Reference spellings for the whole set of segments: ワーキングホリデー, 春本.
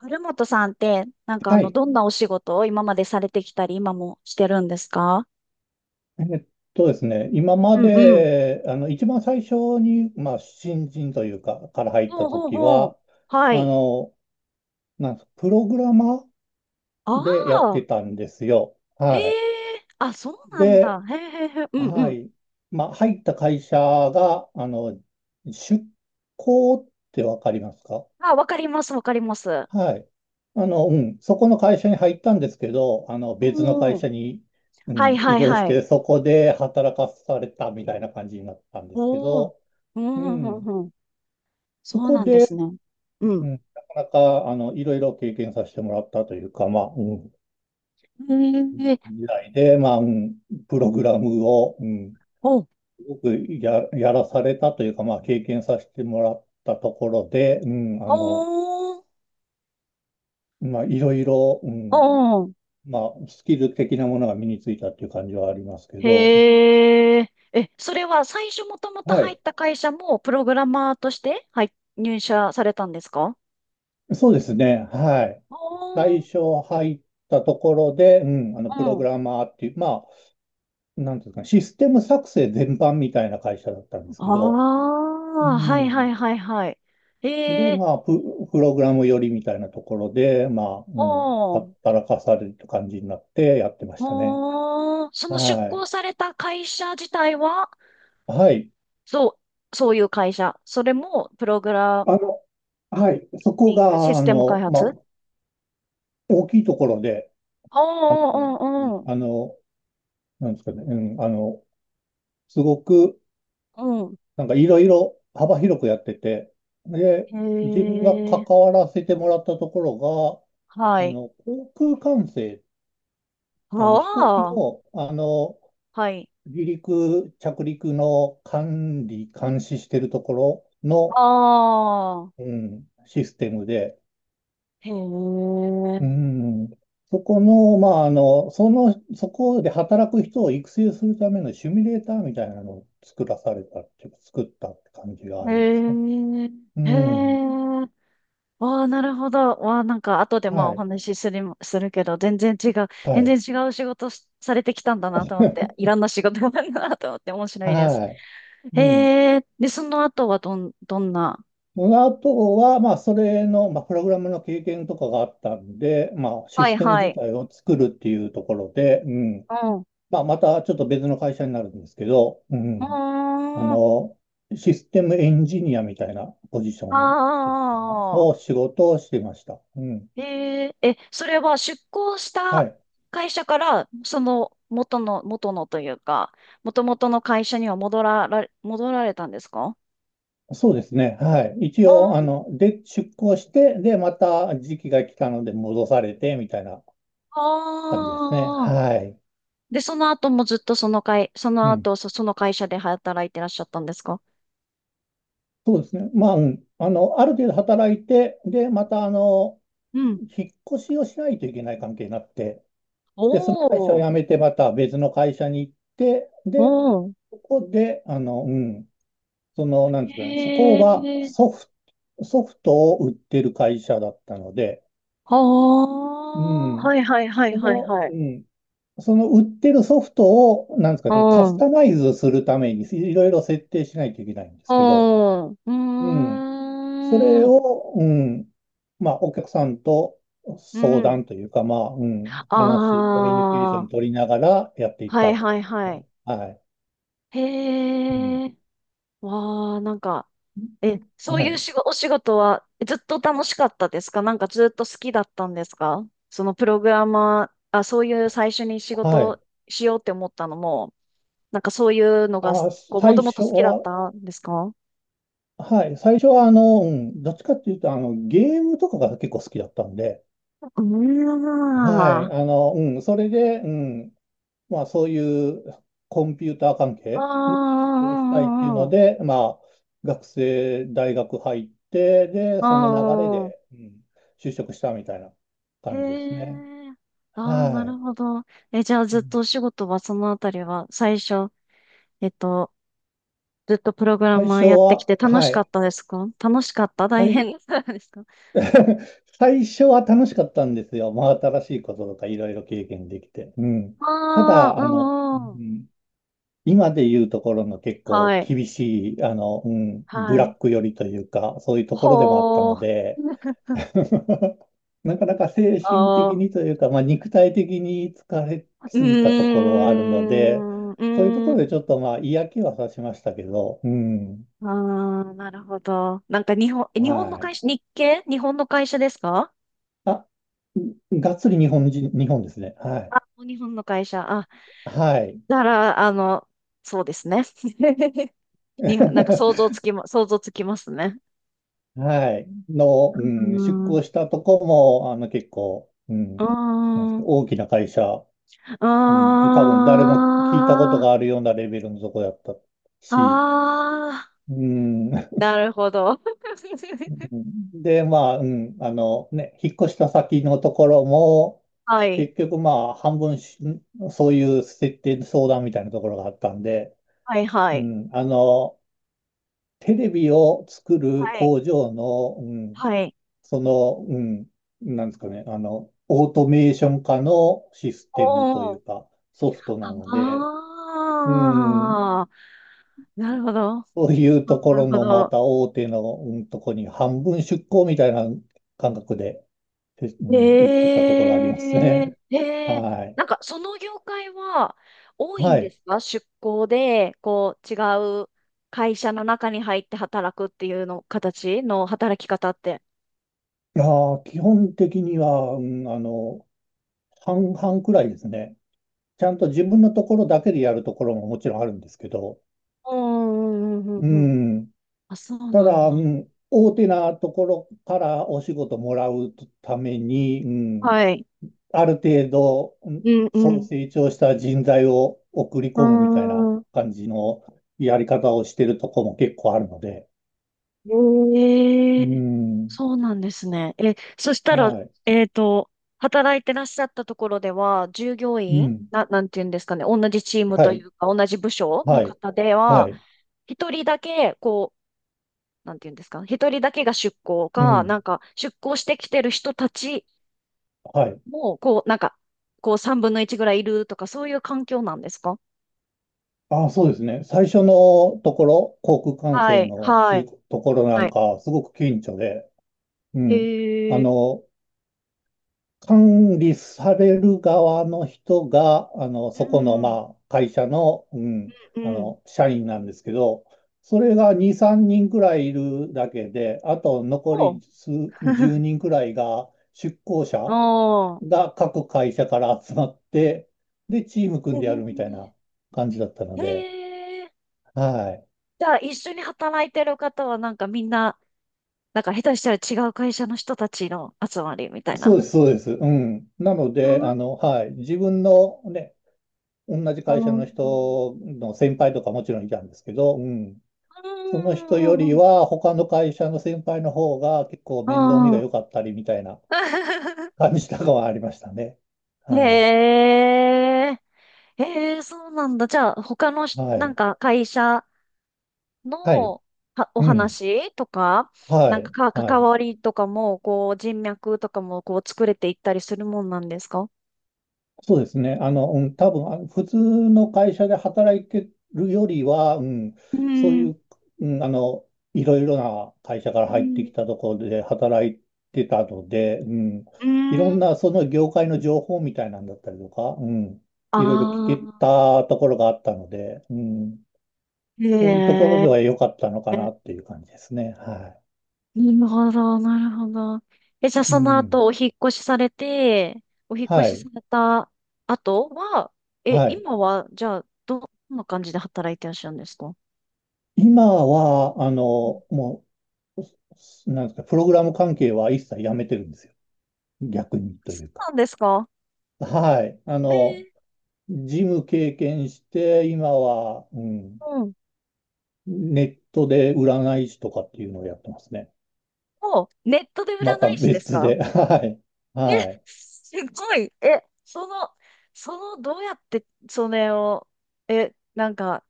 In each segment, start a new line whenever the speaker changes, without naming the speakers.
春本さんって、なんか
はい。
どんなお仕事を今までされてきたり、今もしてるんですか？
えっとですね、今
う
ま
んうん。
で、一番最初に、新人というか、から入っ
ほ
た
うほう
時
ほう。
は、
は
あ
い。
の、なんすか、プログラマー
あ
でやって
あ、
たんですよ。
へ
はい。
え、あ、そうなん
で、
だ。へえへえへえ。うんう
は
ん。
い。入った会社が、出向ってわかりますか？
あ、わかります、わかります。
はい。そこの会社に入ったんですけど、あの、別の
お
会
お、
社に、う
はい
ん、移
はい
動し
はい。
て、そこで働かされたみたいな感じになったんですけ
おお、
ど、
う
う
ん、うん、う
ん、
ん。うん、
そ
そう
こ
なんです
で、
ね。う
う
ん。
ん、なかなか、いろいろ経験させてもらったというか、
へえ、
時代で、プログラムを、
お、
すごくやらされたというか、まあ、経験させてもらったところで、
おお、
まあ、いろいろ、
おお。
まあ、スキル的なものが身についたっていう感じはありますけど、
へえ。え、それは最初もともと
は
入っ
い。
た会社もプログラマーとして入社されたんですか？
そうですね。はい。
お
最
ー、
初入ったところで、
う
プログ
ん。
ラマーっていう、まあ、なんていうんですかね、システム作成全般みたいな会社だったんですけど、
あ
う
あ、はいは
ん。
いはいはい。
で、
ええ、
プログラム寄りみたいなところで、
おー、
働かされる感じになってやってましたね。
おー、その出
は
向
い。
された会社自体は、
はい。
そう、そういう会社。それもプログラ
あの、はい。そこ
ミングシ
が、
ステム開発。
大きいところで、
おー、お
うん
んおー。
あの、なんですかね、うん、あの、すごく、なんかいろいろ幅広くやってて、で、
う
自分が
ん。へ
関
え、
わらせてもらったところ
は
が、
い。
航空管制、
あ
飛行機
あ、
の、
はい。
離陸、着陸の管理、監視してるところの、
ああ、
うん、システムで、
へえ、
うん。そこの、そこで働く人を育成するためのシミュレーターみたいなのを作らされたっていうか、作ったって感じがあ
へ
りますね。
え、
う
へ
ん。
え、わあ、なるほど。わあ、なんか、後でまあ
は
お
い。
話しするけど、全然違う、
は
全然
い。
違う仕事しされてきたんだなと思って、い ろんな仕事があるなと思って、面白いです。
はい。うん。
へえ、で、その後はどんな。
あとは、それの、まあ、プログラムの経験とかがあったんで、まあ、シ
は
ス
い
テム
は
自
い。
体を作るっていうところで、うん。
うん。う
まあ、またちょっと別の会社になるんですけど、う
ー
ん。あ
ん。あ
の、システムエンジニアみたいなポジションというの
あ、
を仕事をしてました。うん。
へえ、え、それは出向し
は
た
い。
会社から、その、元のというか、元々の会社には戻られたんですか？
そうですね。はい。一応、
あ
出向して、で、また時期が来たので戻されて、みたいな感じですね。
あー。
はい。
で、その後もずっとその会、そ
う
の
ん。
後、その会社で働いてらっしゃったんですか？
そうですね。まあ、うん。あの、ある程度働いて、で、また、
うん。
引っ越しをしないといけない関係になって、
お
で、その会社を
お、
辞めて、また別の会社に行って、
お
で、
お。
ここで、あの、うん、その、なんですかね、そこ
へ
は
え、
ソフトを売ってる会社だったので、
は
う
あ、
ん。
はいはいはい
そ
はい
の、
はい。
うん。その売ってるソフトを、なんですか
う
ね、カス
ん、う
タマイズするためにいろいろ設定しないといけないんですけど、
ん、う
うん。そ
ー
れ
ん、
を、うん。まあ、お客さんと
う
相
ん。
談というか、
あ
話、コミュニケーション
あ。
取りながらやっていっ
は
た
い
って
は
感
い
じで
は
す
い。
ね。はい。うん。
へえ、わあ、なんか、え、そう
は
いう
い。
仕事、お仕事はずっと楽しかったですか？なんかずっと好きだったんですか？そのプログラマー、あ、そういう最初に仕
はい。
事しようって思ったのも、なんかそういうのが、
あー、
こう、も
最
ともと
初
好きだっ
は、
たんですか？
はい、最初はどっちかっていうと、あの、ゲームとかが結構好きだったんで、
うー
はい、
ん。
それで、うん、まあそういうコンピューター関
ああ、う
係の仕事をしたいってい
ん
う
うんう
の
ん。
で、まあ学生、大学入って、で、その流れ
あ
で、うん、就職したみたいな
あ、へ
感じですね。
え。ああ、
は
なる
い。
ほど。え、じゃあ
う
ずっ
ん
とお仕事はそのあたりは最初、えっと、ずっとプログラ
最
マー
初
やってき
は、
て楽し
は
か
い。
ったですか？楽しかった？
は
大
い。
変だったですか？
最初は楽しかったんですよ。真新しいこととかいろいろ経験できて。うん。た
あ
だ、
あー、うんう
う
ん。
ん、今で言うところの結構
はい。
厳しい、ブ
は
ラッ
い。
ク寄りというか、そういうところでもあった
ほ
の
ー。
で、なかなか精神
ああ、
的
う
にというか、まあ、肉体的に疲れ
ー
すぎたところはあるので、
ん、う
そういうとこ
ー
ろで
ん。
ちょっとまあ嫌気はさしましたけど、うん。
ああ、なるほど。なんか
は
日本の会
い。
社、日系日本の会社ですか？
あ、がっつり日本人、日本ですね。はい。
あ、日本の会社。あ、
はい。
だから、そうですね。なんか想像つ きま、想像つきますね。
はい。の、
う
うん、出
ー
向
ん。
したとこも、結構、う
う
ん、なんで
ー
すか
ん。
大きな会社、うん、多分誰も聞いたこと
あ
があるようなレベルのとこだった
あ、
し、
ああ、
うん、
なるほど。
で、引っ越した先のところも、
はい、
結局、まあ、半分し、そういう設定相談みたいなところがあったんで、
はい、は
う
い、
ん、あの、テレビを作る
はい。
工場の、うん、
はい。
その、うん、なんですかね、あの、オートメーション化のシス
お
テムという
お、
か、ソフトなので、うん、
ああ、なるほど、
そういうとこ
なる
ろ
ほ
のま
ど。
た大手の、うん、とこに半分出向みたいな感覚で、えう
え
ん、行ってたところあります
え、
ね。
え え、
はい。
なんかその業界は多いん
は
で
い。
すか？出向で、こう、違う会社の中に入って働くっていうの、形の働き方って。
いやー、基本的には、半々くらいですね。ちゃんと自分のところだけでやるところももちろんあるんですけど、
うん、うん、う
う
ん、うん。うん。
ん、
あ、そう
た
なんだ。
だ、うん、大手なところからお仕事もらうために、うん、
はい。
ある程度、
うんう
そう
ん。
成長した人材を送り
あ
込むみたいな
ー
感じのやり方をしてるとこも結構あるので、
ん、え
う
え、
ん、
そうなんですね。え、そしたら、
はい、
えっと、働いてらっしゃったところでは、従業
う
員、
ん、
なんていうんですかね、同じチーム
は
とい
い、
うか、同じ部署の
はい、
方で
は
は、
い、
一人だけ、こう、なんていうんですか、一人だけが出向
う
か、な
ん、
んか、出向してきてる人たち
はい。
も、こう、なんか、こう、三分の一ぐらいいるとか、そういう環境なんですか？
あ、そうですね。最初のところ、航空管
は
制
い、
の
は
し
い、
ところな
は
ん
い。
か、すごく顕著で、うん。あ
へえ、
の、管理される側の人が、
う
そこの、
ん、
まあ、会社の、
うん。
社員なんですけど、それが2、3人くらいいるだけで、あと残
おう。
り数10 人くらいが、出向
お
者
ー
が各会社から集まって、で、チーム
え
組んでやるみたい
ー
な感じだったの
へ
で、
え。
はい。
じゃあ、一緒に働いてる方は、なんかみんな、なんか下手したら違う会社の人たちの集まりみたい
そう
な。
です、そうです。うん。なの
う
で、
ん
あの、はい。自分のね、同じ
う
会社
ん
の
う
人の先輩とかもちろんいたんですけど、うん。その人よりは他の会社の先輩の方が結構面倒見
ん。う
が
ん。
良かったりみたいな 感じとかはありましたね。はい。
へえ。へえ、そうなんだ。じゃあ、他のし、
は
なん
い。
か会社
はい。
のはお
うん。
話とか、な
は
んか
い。
か
は
関
い。
わりとかも、こう、人脈とかも、こう、作れていったりするもんなんですか？
そうですね。多分、あの、普通の会社で働いてるよりは、うん、
う
そうい
ん、
う、うん、あの、いろいろな会社か
う
ら入って
ん、
きたところで働いてたので、うん、
う
いろ
ん。
んなその業界の情報みたいなんだったりとか、うん、
あ
いろいろ聞け
あ、
たところがあったので、うん、
へ
そういうところで
え。
は良かったのかなっていう感じですね。は
なるほど、なるほど。え、じゃあ
い。う
その
ん。
後お引っ越しされて、お引っ越
は
しさ
い。
れた後は、え、
はい。
今は、じゃあ、どんな感じで働いてらっしゃるんですか？
今は、
うん。
もなんですか、プログラム関係は一切やめてるんですよ。逆にとい
そ
うか。
うなんですか？
はい。あ
え
の、
ー、
事務経験して、今は、うん、
うん。
ネットで占い師とかっていうのをやってますね。
もう、ネットで占
また
い師です
別
か？
で。はい。
え、
はい。
すごい。え、その、どうやって、それを、え、なんか、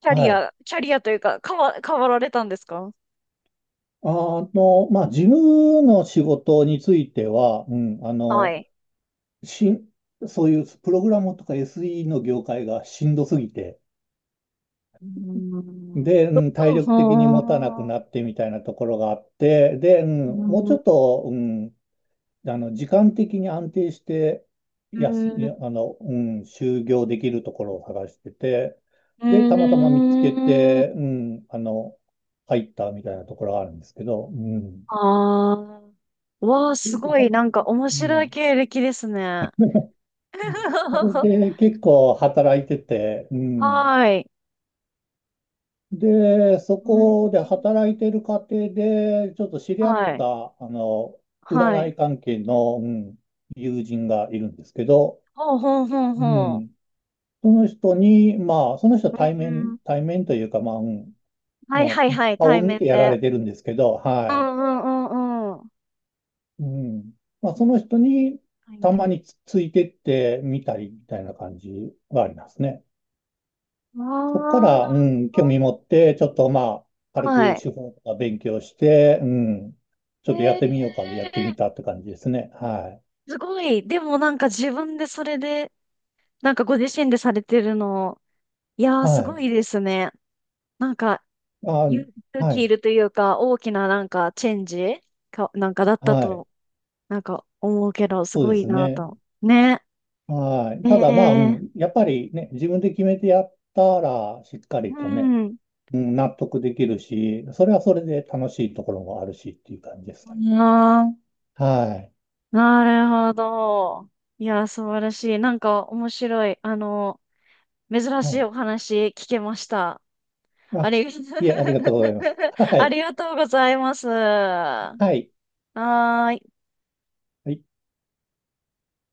キャ
は
リ
い。
ア、キャリアというか、変わられたんですか？
あの、まあ、事務の仕事については、
はい。
しん、そういうプログラムとか SE の業界がしんどすぎて、
うーん。
で、う
ど
ん、体
どう
力的に持たなく
は
な
あ。
ってみたいなところがあって、で、うん、
う
もうちょ
ー
っと、うん、あの時間的に安定して
ん。
やす、やあの、うん、就業できるところを探してて、で、たまた
う
ま見つけ
ーん。
て、うん、あの、入ったみたいなところがあるんですけど、うん。
ああ。わあ、すごい、なんか面
う
白い
ん。
経歴ですね。
うんそ れで結構働いてて、うん。
はーい。
で、そ
うー
こで
ん。
働いてる過程で、ちょっと知り合っ
はい。
た、あの、
は
占
い。
い関係の、うん、友人がいるんですけど、
ほうほうほう
う
ほ
ん、その人に、まあ、その人は
う。うーん。
対面というか、
は
ま
い
あ、
はいはい、
顔を
対
見て
面
やら
で。
れてるんですけど、
う
はい。
んうんうんうん。
うん。まあ、その人に、
対面
た
で。
まにつ、ついてってみたりみたいな感じはありますね。そこか
わあ、な
ら、う
る
ん、興味持って、ちょっとまあ、
ほど。
軽
は
く
い。
手法とか勉強して、うん、ちょっとやって
え
みようかでやって
え、
みたって感じですね。はい。
すごい。でもなんか自分でそれで、なんかご自身でされてるの、いやー
は
すご
い。
いですね。なんか
あ、
勇
は
気い
い。
るというか、大きななんかチェンジか、なんかだった
はい。
と、なんか思うけど、す
そう
ご
で
い
す
な
ね。
と。ね。
はい。
え
ただまあ、う
え。
ん、やっぱりね、自分で決めてやったら、しっか
う
りとね、
ん。
うん、納得できるし、それはそれで楽しいところもあるしっていう感じですかね。
なあ、
はい。
なるほど。いやー素晴らしい。なんか面白い。あの、珍
は
しい
い。
お話聞けました。あ
あ、
りが、
いえ、ありがとうございます。は
あ
い。
りがとうございます。
はい。
はーい。
はい。